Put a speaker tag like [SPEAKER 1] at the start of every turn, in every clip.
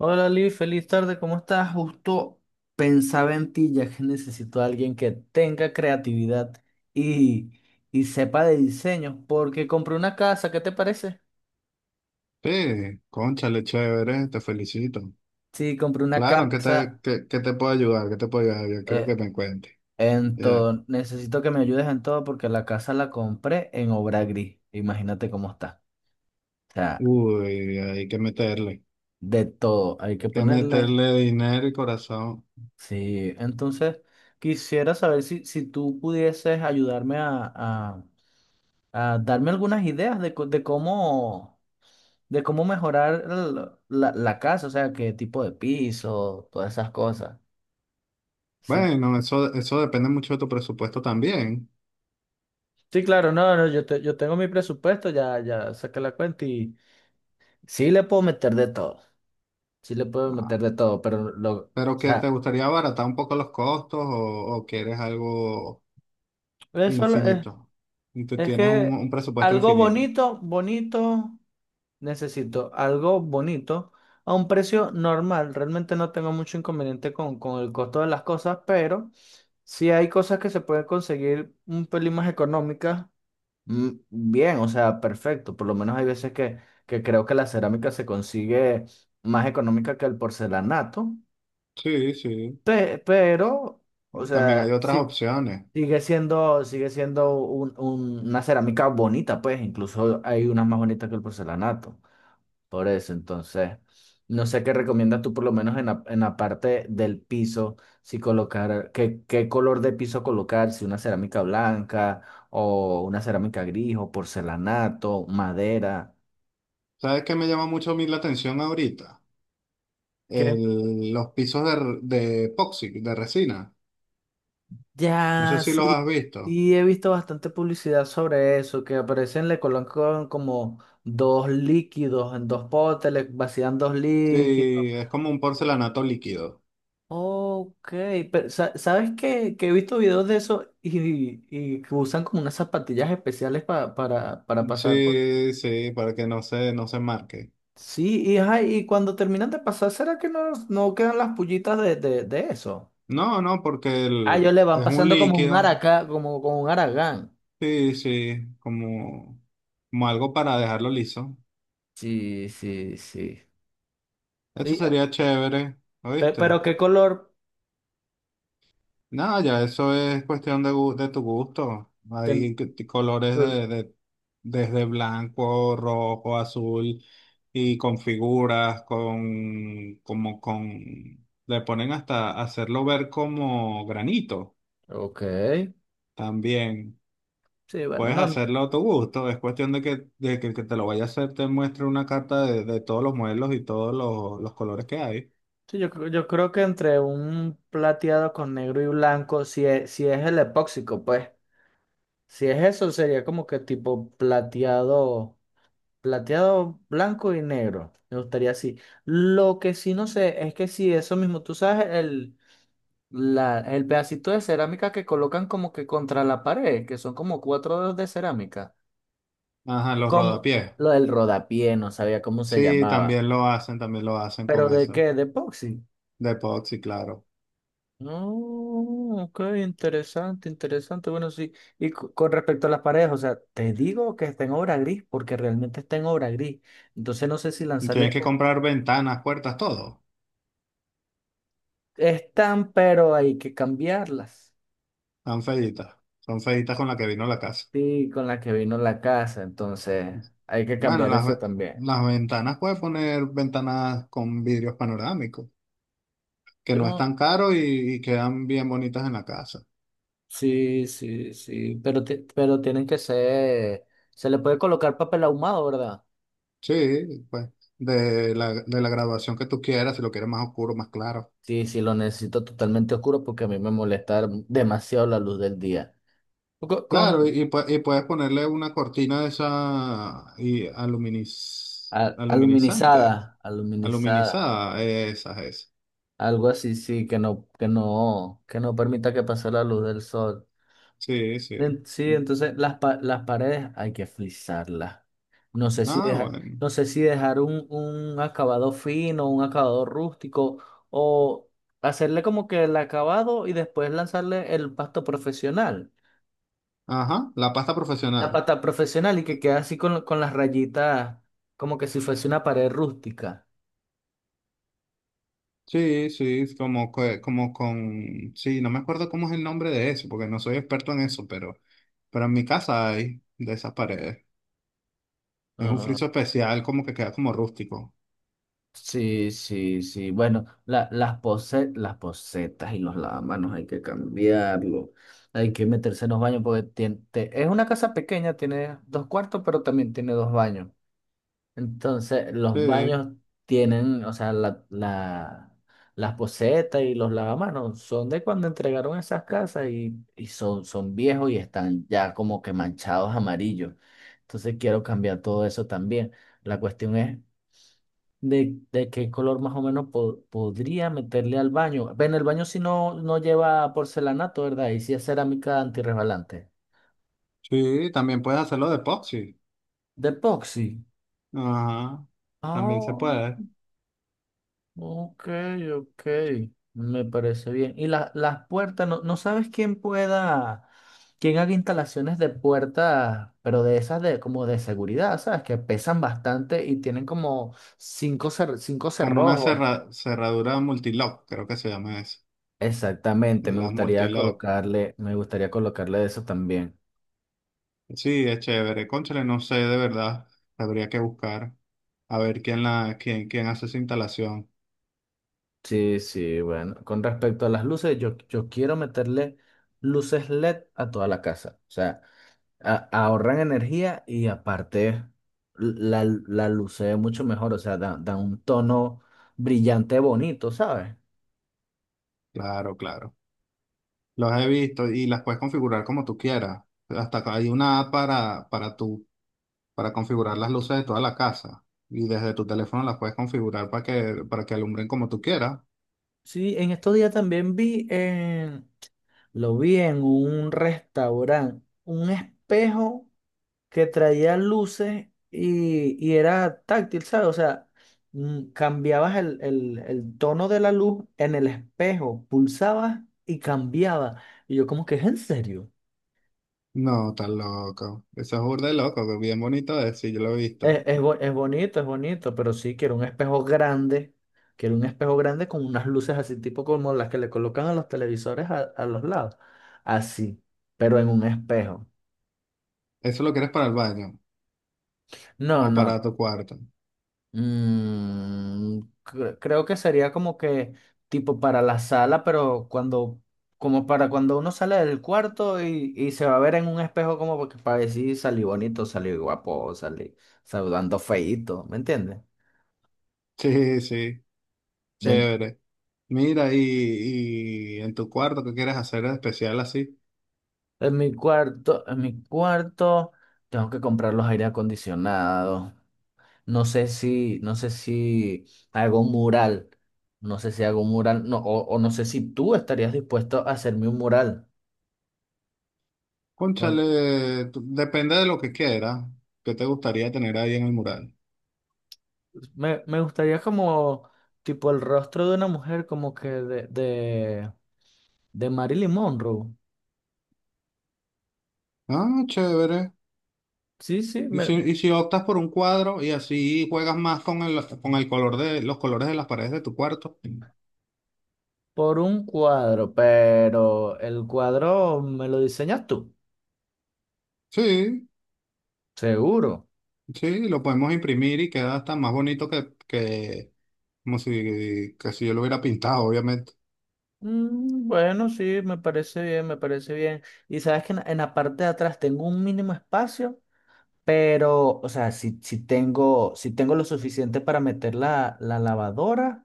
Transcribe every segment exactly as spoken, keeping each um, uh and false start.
[SPEAKER 1] Hola Liv, feliz tarde, ¿cómo estás? Justo pensaba en ti, ya que necesito a alguien que tenga creatividad y, y sepa de diseño, porque compré una casa, ¿qué te parece?
[SPEAKER 2] Sí, cónchale, chévere, te felicito.
[SPEAKER 1] Sí, compré una
[SPEAKER 2] Claro, ¿en ¿qué
[SPEAKER 1] casa
[SPEAKER 2] te, qué, qué te puedo ayudar? ¿Qué te puedo ayudar? Yo quiero
[SPEAKER 1] eh,
[SPEAKER 2] que me cuentes.
[SPEAKER 1] en
[SPEAKER 2] Ya.
[SPEAKER 1] todo. Necesito que me ayudes en todo porque la casa la compré en obra gris. Imagínate cómo está. O sea,
[SPEAKER 2] Uy, hay que meterle. Hay
[SPEAKER 1] de todo, hay que
[SPEAKER 2] Que
[SPEAKER 1] ponerle.
[SPEAKER 2] meterle dinero y corazón.
[SPEAKER 1] Sí, entonces quisiera saber si, si tú pudieses ayudarme a a, a darme algunas ideas de, co- de cómo, de cómo mejorar el- la, la casa, o sea, qué tipo de piso, todas esas cosas. Sí,
[SPEAKER 2] Bueno, eso, eso depende mucho de tu presupuesto también.
[SPEAKER 1] sí, claro, no, no, yo, te- yo tengo mi presupuesto, ya, ya saqué la cuenta y sí le puedo meter de todo, sí le puedo
[SPEAKER 2] Ah,
[SPEAKER 1] meter de todo, pero lo, o
[SPEAKER 2] pero que te
[SPEAKER 1] sea,
[SPEAKER 2] gustaría abaratar un poco los costos o, o quieres algo
[SPEAKER 1] eso lo- es,
[SPEAKER 2] infinito. Y tú
[SPEAKER 1] es
[SPEAKER 2] tienes un,
[SPEAKER 1] que
[SPEAKER 2] un presupuesto
[SPEAKER 1] algo
[SPEAKER 2] infinito.
[SPEAKER 1] bonito, bonito. Necesito algo bonito a un precio normal. Realmente no tengo mucho inconveniente con, con el costo de las cosas, pero si hay cosas que se pueden conseguir un pelín más económicas, mm, bien, o sea, perfecto. Por lo menos hay veces que, que creo que la cerámica se consigue más económica que el porcelanato,
[SPEAKER 2] Sí, sí.
[SPEAKER 1] pe- pero, o
[SPEAKER 2] También hay
[SPEAKER 1] sea,
[SPEAKER 2] otras
[SPEAKER 1] sí,
[SPEAKER 2] opciones.
[SPEAKER 1] sigue siendo, sigue siendo un- un- una cerámica bonita, pues, incluso hay unas más bonitas que el porcelanato. Por eso, entonces, no sé qué recomiendas tú, por lo menos en la, en la parte del piso, si colocar, qué, qué color de piso colocar, si una cerámica blanca o una cerámica gris o porcelanato, madera.
[SPEAKER 2] ¿Sabes qué me llama mucho a mí la atención ahorita?
[SPEAKER 1] ¿Qué?
[SPEAKER 2] el- los pisos de, de epoxi, de resina. No sé
[SPEAKER 1] Ya,
[SPEAKER 2] si los
[SPEAKER 1] sí,
[SPEAKER 2] has visto.
[SPEAKER 1] sí, he visto bastante publicidad sobre eso, que aparecen, le colocan como dos líquidos en dos potes, le vacían dos líquidos.
[SPEAKER 2] Sí, es como un porcelanato líquido.
[SPEAKER 1] Ok, pero sa- ¿sabes qué? Que he visto videos de eso y, y que usan como unas zapatillas especiales pa- para, para pasar por...
[SPEAKER 2] Sí, sí, para que no se, no se marque.
[SPEAKER 1] Sí, y, ajá, y cuando terminan de pasar, ¿será que no, no quedan las pullitas de, de, de eso?
[SPEAKER 2] No, no, porque
[SPEAKER 1] Ah, ellos
[SPEAKER 2] el-
[SPEAKER 1] le van
[SPEAKER 2] es un
[SPEAKER 1] pasando como un
[SPEAKER 2] líquido.
[SPEAKER 1] araca, como, como un aragán.
[SPEAKER 2] Sí, sí, como, como algo para dejarlo liso.
[SPEAKER 1] Sí, sí, sí.
[SPEAKER 2] Eso
[SPEAKER 1] Y, ah,
[SPEAKER 2] sería chévere,
[SPEAKER 1] pe-
[SPEAKER 2] ¿oíste?
[SPEAKER 1] pero ¿qué color?
[SPEAKER 2] No, ya eso es cuestión de, gu- de tu gusto.
[SPEAKER 1] ten-
[SPEAKER 2] Hay que- t- colores de, de- desde blanco, rojo, azul y con figuras, con como con le ponen hasta hacerlo ver como granito
[SPEAKER 1] Ok.
[SPEAKER 2] también.
[SPEAKER 1] Sí, bueno,
[SPEAKER 2] Puedes
[SPEAKER 1] no, no,
[SPEAKER 2] hacerlo a tu gusto. Es cuestión de que, de que el que te lo vaya a hacer te muestre una carta de, de todos los modelos y todos los, los colores que hay.
[SPEAKER 1] sí, yo, creo- yo creo que entre un plateado con negro y blanco, si es, si es el epóxico, pues. Si es eso, sería como que tipo plateado, plateado blanco y negro. Me gustaría así. Lo que sí no sé es que si eso mismo, tú sabes, el, la, el pedacito de cerámica que colocan como que contra la pared, que son como cuatro dedos de cerámica.
[SPEAKER 2] Ajá, los
[SPEAKER 1] Como
[SPEAKER 2] rodapiés.
[SPEAKER 1] lo del rodapié, no sabía cómo se
[SPEAKER 2] Sí,
[SPEAKER 1] llamaba.
[SPEAKER 2] también lo hacen, también lo hacen
[SPEAKER 1] ¿Pero
[SPEAKER 2] con
[SPEAKER 1] de
[SPEAKER 2] eso.
[SPEAKER 1] qué? ¿De epoxi?
[SPEAKER 2] De epoxi, claro.
[SPEAKER 1] Oh, ok, interesante, interesante. Bueno, sí, y co- con respecto a las paredes, o sea, te digo que está en obra gris porque realmente está en obra gris. Entonces no sé si
[SPEAKER 2] Y tienes
[SPEAKER 1] lanzarle
[SPEAKER 2] que
[SPEAKER 1] o-
[SPEAKER 2] comprar ventanas, puertas, todo.
[SPEAKER 1] están, pero hay que cambiarlas.
[SPEAKER 2] Son feitas. Son feitas con la que vino la casa.
[SPEAKER 1] Sí, con la que vino la casa, entonces hay que
[SPEAKER 2] Bueno,
[SPEAKER 1] cambiar
[SPEAKER 2] las,
[SPEAKER 1] eso
[SPEAKER 2] ve-
[SPEAKER 1] también.
[SPEAKER 2] las ventanas puedes poner ventanas con vidrios panorámicos, que no es
[SPEAKER 1] Yo,
[SPEAKER 2] tan caro y, y quedan bien bonitas en la casa.
[SPEAKER 1] sí, sí, sí, pero, ti- pero tienen que ser, se le puede colocar papel ahumado, ¿verdad?
[SPEAKER 2] Sí, pues, de la, de la graduación que tú quieras, si lo quieres más oscuro, más claro.
[SPEAKER 1] Sí, sí, lo necesito totalmente oscuro porque a mí me molesta demasiado la luz del día. Con,
[SPEAKER 2] Claro,
[SPEAKER 1] con
[SPEAKER 2] y, y pue- y puedes ponerle una cortina de esa y aluminiz,
[SPEAKER 1] a-
[SPEAKER 2] aluminizante,
[SPEAKER 1] aluminizada, aluminizada,
[SPEAKER 2] aluminizada, esas, es.
[SPEAKER 1] algo así, sí, que no, que no, que no permita que pase la luz del sol.
[SPEAKER 2] Sí, sí.
[SPEAKER 1] En- Sí, entonces las, pa- las paredes hay que frisarlas. No sé si
[SPEAKER 2] Ah,
[SPEAKER 1] dejar,
[SPEAKER 2] bueno.
[SPEAKER 1] no sé si dejar un, un acabado fino, un acabado rústico, o hacerle como que el acabado y después lanzarle el pasto profesional,
[SPEAKER 2] Ajá, la pasta
[SPEAKER 1] la
[SPEAKER 2] profesional.
[SPEAKER 1] pata profesional y que quede así con, con las rayitas, como que si fuese una pared rústica.
[SPEAKER 2] Sí, sí, es como, que- como con... Sí, no me acuerdo cómo es el nombre de eso, porque no soy experto en eso, pero, pero en mi casa hay de esas paredes. Es un friso especial, como que queda como rústico.
[SPEAKER 1] Sí, sí, sí. Bueno, la- las pose- las posetas y los lavamanos hay que cambiarlo. Hay que meterse en los baños porque tien- te- es una casa pequeña, tiene dos cuartos, pero también tiene dos baños. Entonces, los
[SPEAKER 2] Sí,
[SPEAKER 1] baños tienen, o sea, la, la, las posetas y los lavamanos son de cuando entregaron esas casas y, y son, son viejos y están ya como que manchados amarillos. Entonces, quiero cambiar todo eso también. La cuestión es de, de qué color más o menos po- podría meterle al baño. Ven, el baño si no, no lleva porcelanato, ¿verdad? Y si es cerámica antirresbalante.
[SPEAKER 2] sí, también puedes hacerlo de epoxi.
[SPEAKER 1] De epoxi.
[SPEAKER 2] Ajá, también se
[SPEAKER 1] Oh,
[SPEAKER 2] puede.
[SPEAKER 1] ok, ok. Me parece bien. Y la- las puertas, no, no sabes quién pueda, quién haga instalaciones de puertas, pero de esas de como de seguridad, ¿sabes? Que pesan bastante y tienen como cinco, cer- cinco
[SPEAKER 2] Como una
[SPEAKER 1] cerrojos.
[SPEAKER 2] cerra- cerradura multilock, creo que se llama eso.
[SPEAKER 1] Exactamente, me
[SPEAKER 2] La
[SPEAKER 1] gustaría
[SPEAKER 2] multilock.
[SPEAKER 1] colocarle, me gustaría colocarle eso también.
[SPEAKER 2] Sí, es chévere. Cónchale, no sé de verdad. Habría que buscar a ver quién la, quién, quién hace esa instalación.
[SPEAKER 1] Sí, sí, bueno. Con respecto a las luces, yo, yo quiero meterle luces L E D a toda la casa. O sea, a- ahorran energía y aparte la, la luce mucho mejor. O sea, da, da un tono brillante bonito, ¿sabes?
[SPEAKER 2] Claro, claro. Los he visto y las puedes configurar como tú quieras. Hasta acá hay una app para, para tú, para configurar las luces de toda la casa. Y desde tu teléfono las puedes configurar para que, para que alumbren como tú quieras.
[SPEAKER 1] Sí, en estos días también vi en, lo vi en un restaurante, un espejo que traía luces y, y era táctil, ¿sabes? O sea, mm, cambiabas el, el- el tono de la luz en el espejo, pulsabas y cambiaba. Y yo como que es en serio.
[SPEAKER 2] No, tan loco. Eso es burda de loco, que bien bonito es, sí, yo lo he visto.
[SPEAKER 1] Es, es, bo- es bonito, es bonito, pero sí, quiero un espejo grande. Quiero un espejo grande con unas luces así, tipo como las que le colocan a los televisores a, a los lados. Así, pero en un espejo.
[SPEAKER 2] ¿Eso lo quieres para el baño
[SPEAKER 1] No,
[SPEAKER 2] o
[SPEAKER 1] no.
[SPEAKER 2] para tu cuarto?
[SPEAKER 1] Mm, cre- creo que sería como que tipo para la sala, pero cuando, como para cuando uno sale del cuarto y, y se va a ver en un espejo como porque para decir salí bonito, salí guapo, salí saludando feíto, ¿me entiendes?
[SPEAKER 2] Sí, sí,
[SPEAKER 1] De-
[SPEAKER 2] chévere. Mira, y, y en tu cuarto, ¿qué quieres hacer de especial así?
[SPEAKER 1] en mi cuarto, en mi cuarto tengo que comprar los aire acondicionados. No sé si, no sé si hago un mural. No sé si hago un mural, no, o, o no sé si tú estarías dispuesto a hacerme un mural. ¿No?
[SPEAKER 2] Cónchale, t- depende de lo que quieras, que te gustaría tener ahí en el mural.
[SPEAKER 1] Me, me gustaría como tipo el rostro de una mujer como que de, de, de Marilyn Monroe.
[SPEAKER 2] Ah, chévere.
[SPEAKER 1] Sí, sí,
[SPEAKER 2] Y
[SPEAKER 1] me-
[SPEAKER 2] si, y si optas por un cuadro y así juegas más con el, con el color de los colores de las paredes de tu cuarto.
[SPEAKER 1] por un cuadro, pero el cuadro me lo diseñas tú,
[SPEAKER 2] Sí,
[SPEAKER 1] seguro.
[SPEAKER 2] sí, lo podemos imprimir y queda hasta más bonito que, que como si, que si yo lo hubiera pintado, obviamente.
[SPEAKER 1] Mm, bueno, sí, me parece bien, me parece bien. Y sabes que en, en la parte de atrás tengo un mínimo espacio, pero, o sea, si, si tengo, si tengo lo suficiente para meter la, la lavadora.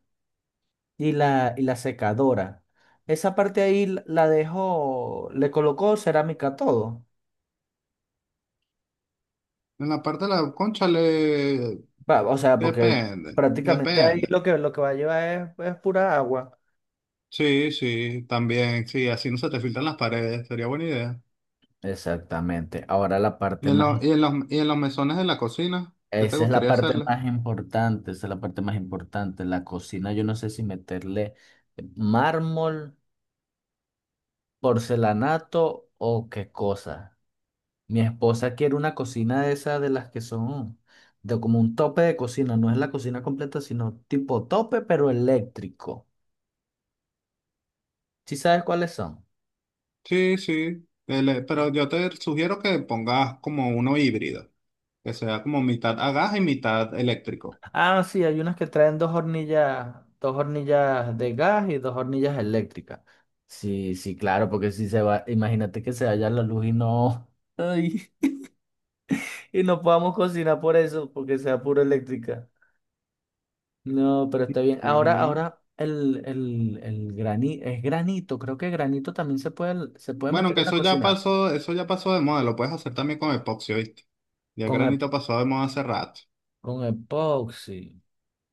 [SPEAKER 1] Y la, y la secadora. Esa parte ahí l- la dejó, le colocó cerámica a todo.
[SPEAKER 2] En la parte de la cónchale,
[SPEAKER 1] Va, o sea, porque
[SPEAKER 2] depende,
[SPEAKER 1] prácticamente ahí
[SPEAKER 2] depende.
[SPEAKER 1] lo que, lo que va a llevar es, es pura agua.
[SPEAKER 2] Sí, sí, también, sí, así no se te filtran las paredes, sería buena idea.
[SPEAKER 1] Exactamente. Ahora la
[SPEAKER 2] ¿Y
[SPEAKER 1] parte
[SPEAKER 2] en,
[SPEAKER 1] más,
[SPEAKER 2] lo-
[SPEAKER 1] im-
[SPEAKER 2] y en los, y en los mesones de la cocina? ¿Qué te
[SPEAKER 1] esa es la
[SPEAKER 2] gustaría
[SPEAKER 1] parte
[SPEAKER 2] hacerle?
[SPEAKER 1] más importante, esa es la parte más importante. La cocina, yo no sé si meterle mármol, porcelanato o qué cosa. Mi esposa quiere una cocina de esas de las que son de como un tope de cocina, no es la cocina completa, sino tipo tope, pero eléctrico. ¿Sí sabes cuáles son?
[SPEAKER 2] Sí, sí. El, eh, pero yo te sugiero que pongas como uno híbrido, que sea como mitad a gas y mitad eléctrico.
[SPEAKER 1] Ah, sí, hay unas que traen dos hornillas, dos hornillas de gas y dos hornillas eléctricas. Sí, sí, claro, porque si se va, imagínate que se vaya la luz y no, ay, y no podamos cocinar por eso, porque sea puro eléctrica. No, pero está bien. Ahora,
[SPEAKER 2] Ujú.
[SPEAKER 1] ahora el, el, el grani- es granito. Creo que granito también se puede, se puede
[SPEAKER 2] Bueno,
[SPEAKER 1] meter
[SPEAKER 2] aunque
[SPEAKER 1] en la
[SPEAKER 2] eso ya
[SPEAKER 1] cocina
[SPEAKER 2] pasó, eso ya pasó de moda, lo puedes hacer también con epoxi, ¿viste? Ya el
[SPEAKER 1] con, ep-
[SPEAKER 2] granito pasó de moda hace rato.
[SPEAKER 1] con epoxi.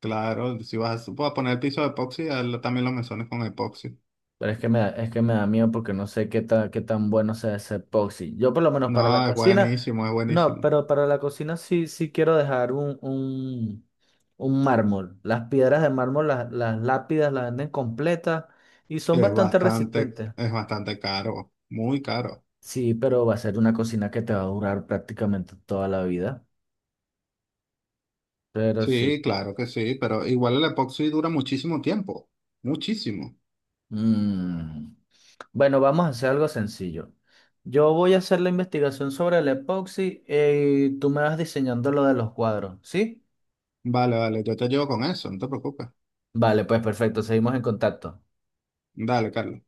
[SPEAKER 2] Claro, si vas a, a poner el piso de epoxi, hazlo también los mesones con epoxi.
[SPEAKER 1] Pero es que me da, es que me da miedo porque no sé qué ta- qué tan bueno sea ese epoxi. Yo por lo menos para la
[SPEAKER 2] No, es
[SPEAKER 1] cocina,
[SPEAKER 2] buenísimo, es
[SPEAKER 1] no,
[SPEAKER 2] buenísimo.
[SPEAKER 1] pero para la cocina sí, sí quiero dejar un, un, un mármol. Las piedras de mármol, las, las lápidas las venden completas y son
[SPEAKER 2] Es
[SPEAKER 1] bastante
[SPEAKER 2] bastante,
[SPEAKER 1] resistentes.
[SPEAKER 2] es bastante caro, muy caro.
[SPEAKER 1] Sí, pero va a ser una cocina que te va a durar prácticamente toda la vida. Pero sí.
[SPEAKER 2] Sí, claro que sí, pero igual el epoxi dura muchísimo tiempo, muchísimo.
[SPEAKER 1] Mm. Bueno, vamos a hacer algo sencillo. Yo voy a hacer la investigación sobre el epoxi eh, y tú me vas diseñando lo de los cuadros, ¿sí?
[SPEAKER 2] Vale, vale, yo te llevo con eso, no te preocupes.
[SPEAKER 1] Vale, pues perfecto, seguimos en contacto.
[SPEAKER 2] Dale, Carlos.